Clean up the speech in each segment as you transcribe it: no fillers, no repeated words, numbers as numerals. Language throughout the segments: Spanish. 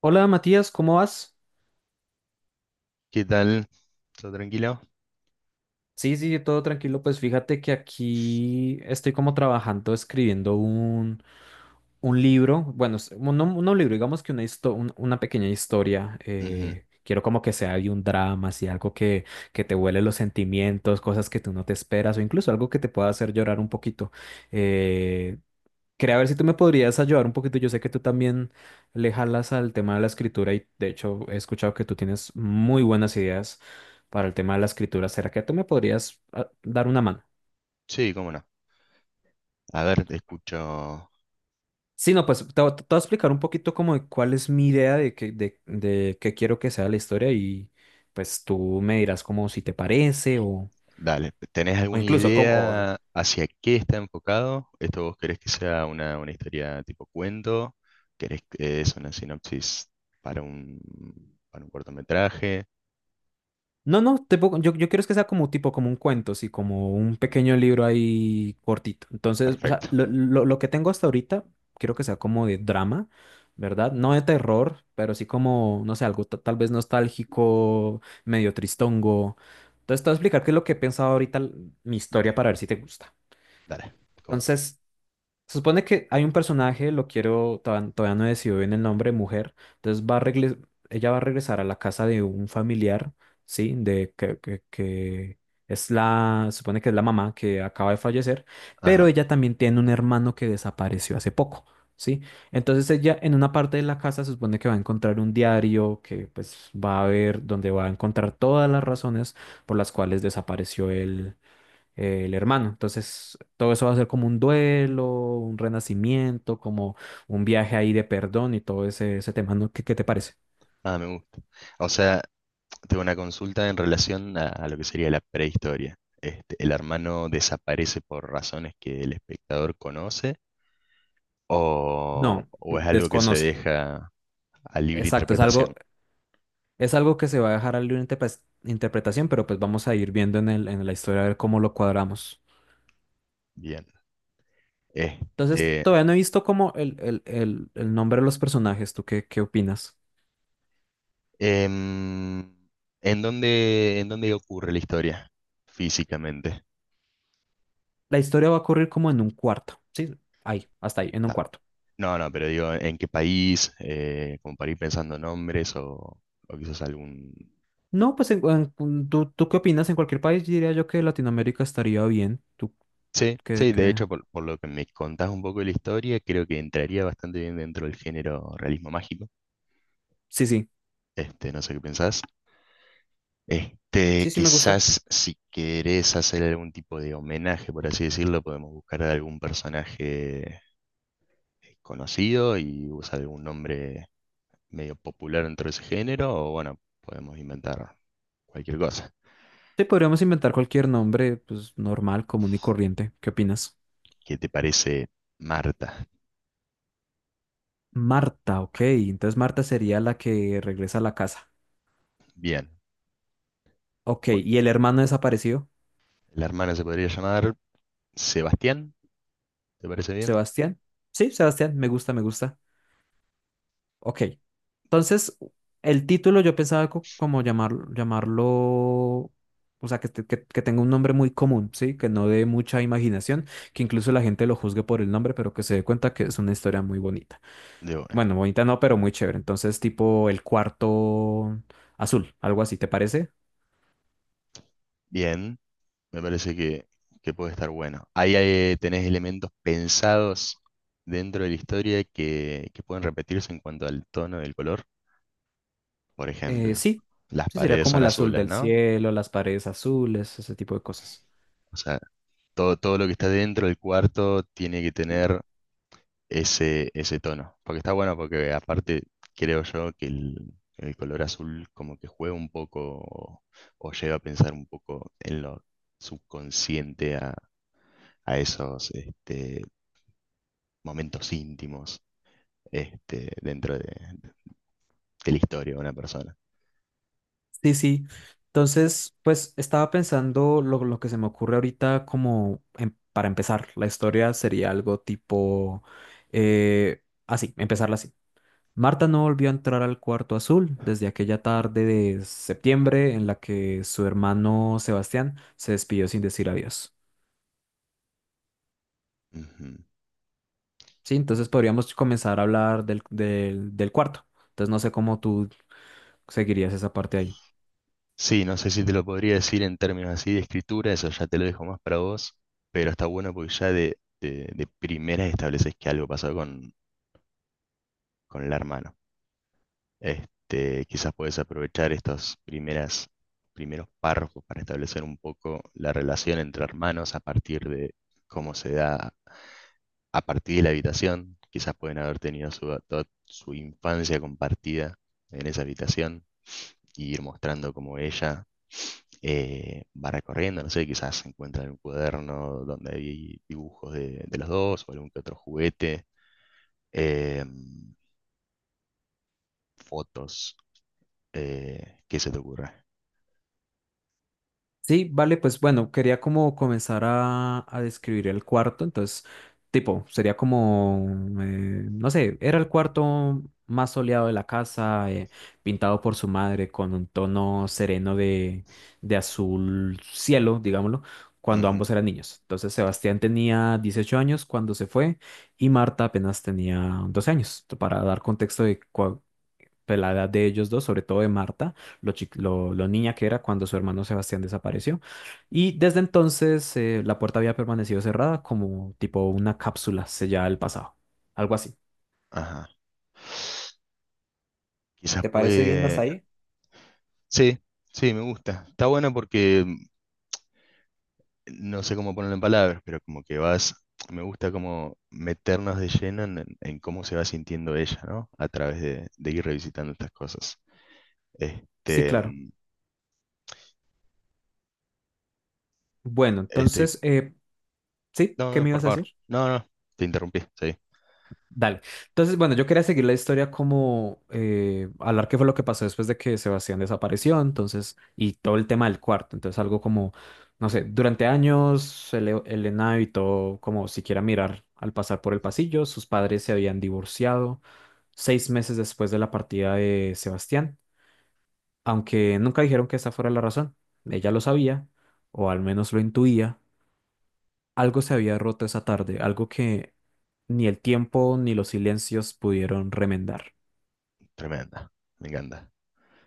Hola Matías, ¿cómo vas? ¿Qué tal? ¿Todo tranquilo? Sí, sí, todo tranquilo. Pues fíjate que aquí estoy como trabajando, escribiendo un libro. Bueno, no un libro, digamos que una pequeña historia. Ujú. Quiero como que sea de un drama, así algo que te huele los sentimientos, cosas que tú no te esperas, o incluso algo que te pueda hacer llorar un poquito. Eh, Quería ver si tú me podrías ayudar un poquito. Yo sé que tú también le jalas al tema de la escritura y de hecho he escuchado que tú tienes muy buenas ideas para el tema de la escritura. ¿Será que tú me podrías dar una mano? Sí, cómo no. A ver, te escucho. Sí, no, pues te voy a explicar un poquito como de cuál es mi idea de qué quiero que sea la historia y pues tú me dirás como si te parece o, Dale, ¿tenés o alguna incluso como, idea hacia qué está enfocado? ¿Esto vos querés que sea una historia tipo cuento? ¿Querés que es una sinopsis para para un cortometraje? no, no, yo quiero es que sea como tipo, como un cuento, sí, como un pequeño libro ahí cortito. Entonces, o sea, Perfecto, lo que tengo hasta ahorita, quiero que sea como de drama, ¿verdad? No de terror, pero sí como, no sé, algo tal vez nostálgico, medio tristongo. Entonces, te voy a explicar qué es lo que he pensado ahorita, mi historia, para ver si te gusta. dale, cómo no. Entonces, se supone que hay un personaje, lo quiero, todavía no he decidido bien el nombre, mujer. Entonces ella va a regresar a la casa de un familiar, ¿sí? De que es la, se supone que es la mamá que acaba de fallecer, pero Ajá, ella también tiene un hermano que desapareció hace poco, ¿sí? Entonces ella en una parte de la casa se supone que va a encontrar un diario que pues va a ver, donde va a encontrar todas las razones por las cuales desapareció el hermano. Entonces, todo eso va a ser como un duelo, un renacimiento, como un viaje ahí de perdón y todo ese tema, ¿no? Qué te parece? ah, me gusta. O sea, tengo una consulta en relación a lo que sería la prehistoria. Este, el hermano desaparece por razones que el espectador conoce. ¿O, No, o es algo que se desconoce. deja a libre Exacto, interpretación? Es algo que se va a dejar a libre interpretación, pero pues vamos a ir viendo en la historia a ver cómo lo cuadramos. Bien. Entonces, Este, todavía no he visto como el nombre de los personajes. ¿Tú qué opinas? em, en dónde ocurre la historia físicamente? La historia va a ocurrir como en un cuarto, ¿sí? Ahí, hasta ahí, en un Ta. cuarto. No, no, pero digo, ¿en qué país? ¿Como para ir pensando nombres o quizás algún...? No, pues tú qué opinas? En cualquier país diría yo que Latinoamérica estaría bien. ¿Tú Sí, qué, sí, de qué? hecho, por lo que me contás un poco de la historia, creo que entraría bastante bien dentro del género realismo mágico. Sí, sí. Este, no sé qué pensás. Este, Sí, sí, me gusta. quizás si querés hacer algún tipo de homenaje, por así decirlo, podemos buscar a algún personaje conocido y usar algún nombre medio popular dentro de ese género, o bueno, podemos inventar cualquier cosa. Sí, podríamos inventar cualquier nombre, pues normal, común y corriente. ¿Qué opinas? ¿Qué te parece Marta? Marta, ok. Entonces Marta sería la que regresa a la casa. Bien. Ok, Bueno, ¿y el hermano desaparecido? la hermana se podría llamar Sebastián, ¿te parece bien? ¿Sebastián? Sí, Sebastián, me gusta, me gusta. Ok. Entonces, el título yo pensaba como llamarlo, o sea, que tenga un nombre muy común, ¿sí? Que no dé mucha imaginación, que incluso la gente lo juzgue por el nombre, pero que se dé cuenta que es una historia muy bonita. De una. Bueno, bonita no, pero muy chévere. Entonces, tipo el cuarto azul, algo así, ¿te parece? Bien. Me parece que puede estar bueno. Ahí tenés elementos pensados dentro de la historia que pueden repetirse en cuanto al tono del color. Por ejemplo, Sí, las sí, sería paredes como son el azul azules, del ¿no? cielo, las paredes azules, ese tipo de cosas. O sea, todo, todo lo que está dentro del cuarto tiene que tener ese, ese tono. Porque está bueno, porque aparte creo yo que el color azul como que juega un poco o lleva a pensar un poco en lo subconsciente a esos este, momentos íntimos este, dentro de la historia de una persona. Sí, sí. Entonces, pues estaba pensando lo que se me ocurre ahorita como para empezar. La historia sería algo tipo así, empezarla así. Marta no volvió a entrar al cuarto azul desde aquella tarde de septiembre en la que su hermano Sebastián se despidió sin decir adiós. Ujú. Sí, entonces podríamos comenzar a hablar del cuarto. Entonces no sé cómo tú seguirías esa parte ahí. Sí, no sé si te lo podría decir en términos así de escritura, eso ya te lo dejo más para vos, pero está bueno porque ya de primeras estableces que algo pasó con la hermana. Este, quizás podés aprovechar estos primeras, primeros párrafos para establecer un poco la relación entre hermanos a partir de cómo se da a partir de la habitación, quizás pueden haber tenido su, toda su infancia compartida en esa habitación y ir mostrando cómo ella va recorriendo, no sé, quizás encuentran un cuaderno donde hay dibujos de los dos o algún que otro juguete, eh, fotos, ¿qué se te ocurre? Sí, vale, pues bueno, quería como comenzar a describir el cuarto, entonces, tipo, sería como, no sé, era el cuarto más soleado de la casa, pintado por su madre con un tono sereno de azul cielo, digámoslo, cuando Ujú, ambos eran niños. Entonces, Sebastián tenía 18 años cuando se fue y Marta apenas tenía 12 años, para dar contexto de pues, la edad de ellos dos, sobre todo de Marta, lo niña que era cuando su hermano Sebastián desapareció. Y desde entonces la puerta había permanecido cerrada como tipo una cápsula sellada del pasado, algo así. ajá. Quizás ¿Te parece bien, puede... Dasai? Sí, sí, me gusta. Está bueno porque no sé cómo ponerlo en palabras, pero como que vas, me gusta como meternos de lleno en cómo se va sintiendo ella, ¿no? A través de ir revisitando estas cosas. Sí, Este, claro. Bueno, este, entonces, ¿sí? no, ¿Qué no, me por ibas a favor, decir? no, no, te interrumpí, sí, Dale. Entonces, bueno, yo quería seguir la historia como hablar qué fue lo que pasó después de que Sebastián desapareció, entonces, y todo el tema del cuarto. Entonces, algo como, no sé, durante años Elena evitó como siquiera mirar al pasar por el pasillo. Sus padres se habían divorciado 6 meses después de la partida de Sebastián, aunque nunca dijeron que esa fuera la razón. Ella lo sabía, o al menos lo intuía. Algo se había roto esa tarde, algo que ni el tiempo ni los silencios pudieron remendar. tremenda, me encanta.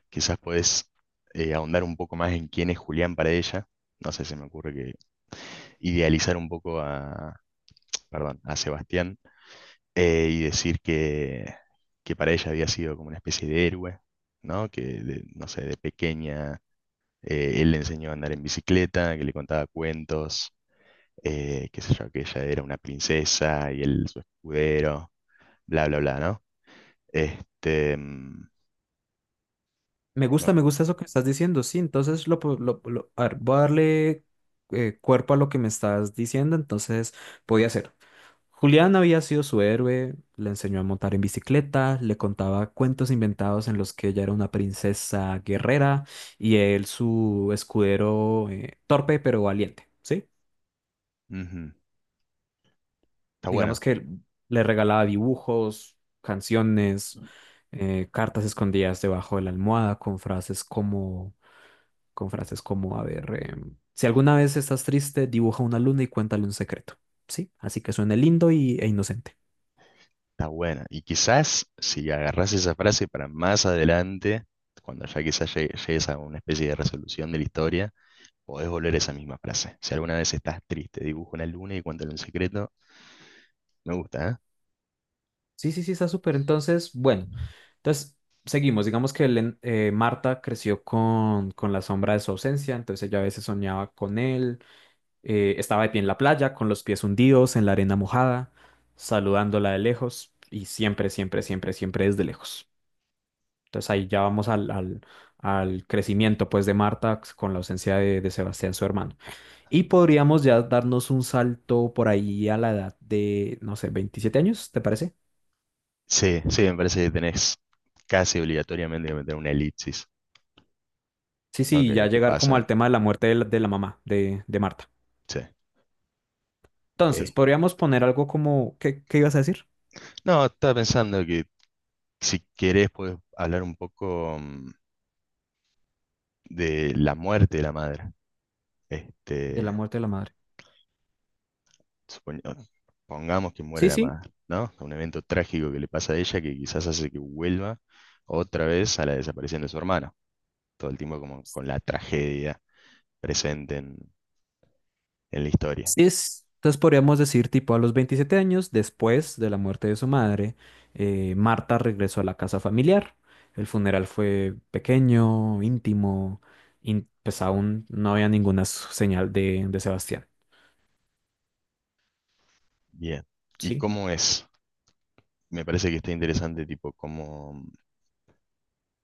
Quizás puedes ahondar un poco más en quién es Julián para ella, no sé, se me ocurre que idealizar un poco a, perdón, a Sebastián y decir que para ella había sido como una especie de héroe, ¿no? Que, de- no sé, de pequeña él le enseñó a andar en bicicleta, que le contaba cuentos, qué sé yo, que ella era una princesa y él su escudero, bla, bla, bla, ¿no? Este, no, Me gusta eso que estás diciendo, sí, entonces lo, po- lo- a ver, voy a darle cuerpo a lo que me estás diciendo, entonces podía ser. Julián había sido su héroe, le enseñó a montar en bicicleta, le contaba cuentos inventados en los que ella era una princesa guerrera y él su escudero torpe pero valiente. ¿Sí? ujú, está Digamos bueno, que le regalaba dibujos, canciones, cartas escondidas debajo de la almohada con con frases como, a ver, si alguna vez estás triste, dibuja una luna y cuéntale un secreto, ¿sí? Así que suene lindo e inocente. está bueno. Y quizás si agarrás esa frase para más adelante, cuando ya quizás llegues a una especie de resolución de la historia. Podés volver a esa misma frase. Si alguna vez estás triste, dibujo una luna y cuéntale un secreto. Me gusta, ¿eh? Sí, sí, sí, está súper. Entonces, bueno, entonces seguimos. Digamos que Marta creció con la sombra de su ausencia, entonces ella a veces soñaba con él. Estaba de pie en la playa, con los pies hundidos en la arena mojada, saludándola de lejos y siempre, siempre, siempre, siempre desde lejos. Entonces ahí ya vamos al crecimiento pues de Marta pues, con la ausencia de Sebastián, su hermano. Y podríamos ya darnos un salto por ahí a la edad de, no sé, 27 años, ¿te parece? Sí, sí, me parece que tenés casi obligatoriamente que meter una elipsis, Sí, ¿no? sí, ya Que llegar como pasa, ¿eh? al tema de la muerte de de la mamá de Marta. Sí. Entonces, Eh, podríamos poner algo como, ¿qué, qué ibas a decir? no, estaba pensando que si querés puedes hablar un poco de la muerte de la madre. De Este, la muerte de la madre. supoñ- pongamos que muere Sí, la sí, madre, ¿no? Un evento trágico que le pasa a ella que quizás hace que vuelva otra vez a la desaparición de su hermano. Todo el tiempo como con la tragedia presente en la historia. sí entonces podríamos decir, tipo, a los 27 años, después de la muerte de su madre, Marta regresó a la casa familiar. El funeral fue pequeño, íntimo, pues aún no había ninguna señal de Sebastián. Bien. ¿Y Sí. cómo es? Me parece que está interesante, tipo, cómo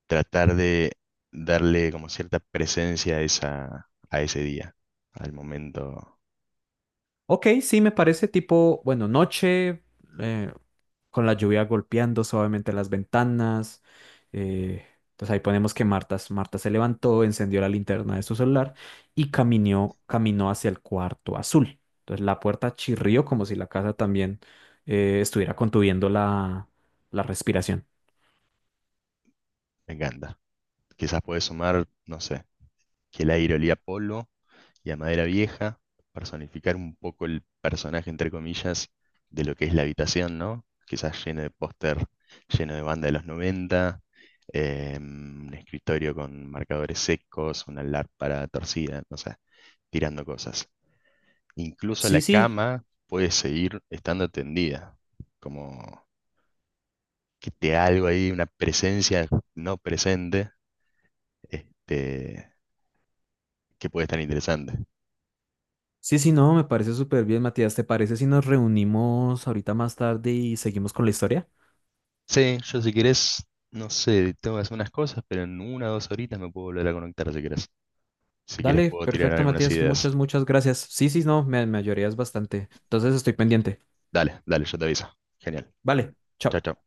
tratar de darle como cierta presencia a esa, a ese día, al momento. Ok, sí, me parece tipo, bueno, noche, eh, con la lluvia golpeando suavemente las ventanas. Eh, entonces ahí ponemos que Marta se levantó, encendió la linterna de su celular y caminó hacia el cuarto azul. Entonces la puerta chirrió como si la casa también estuviera contuviendo la respiración. Me encanta. Quizás puedes sumar, no sé, que el aire olía a polo y a madera vieja, personificar un poco el personaje, entre comillas, de lo que es la habitación, ¿no? Quizás lleno de póster, lleno de banda de los 90 un escritorio con marcadores secos, una lámpara torcida, no sé, tirando cosas. Incluso Sí, la sí, cama puede seguir estando tendida, como que te da algo ahí, una presencia no presente, este, que puede estar interesante. sí, sí, no, me parece súper bien, Matías. ¿Te parece si nos reunimos ahorita más tarde y seguimos con la historia? Sí, yo si querés, no sé, tengo que hacer unas cosas, pero en una o dos horitas me puedo volver a conectar si querés. Si querés Dale, puedo tirar perfecto, algunas Matías. ideas. Muchas, muchas gracias. Sí, sí, no, me ayudarías bastante. Entonces estoy pendiente. Dale, dale, yo te aviso. Genial. Vale, Chao, chao. chao.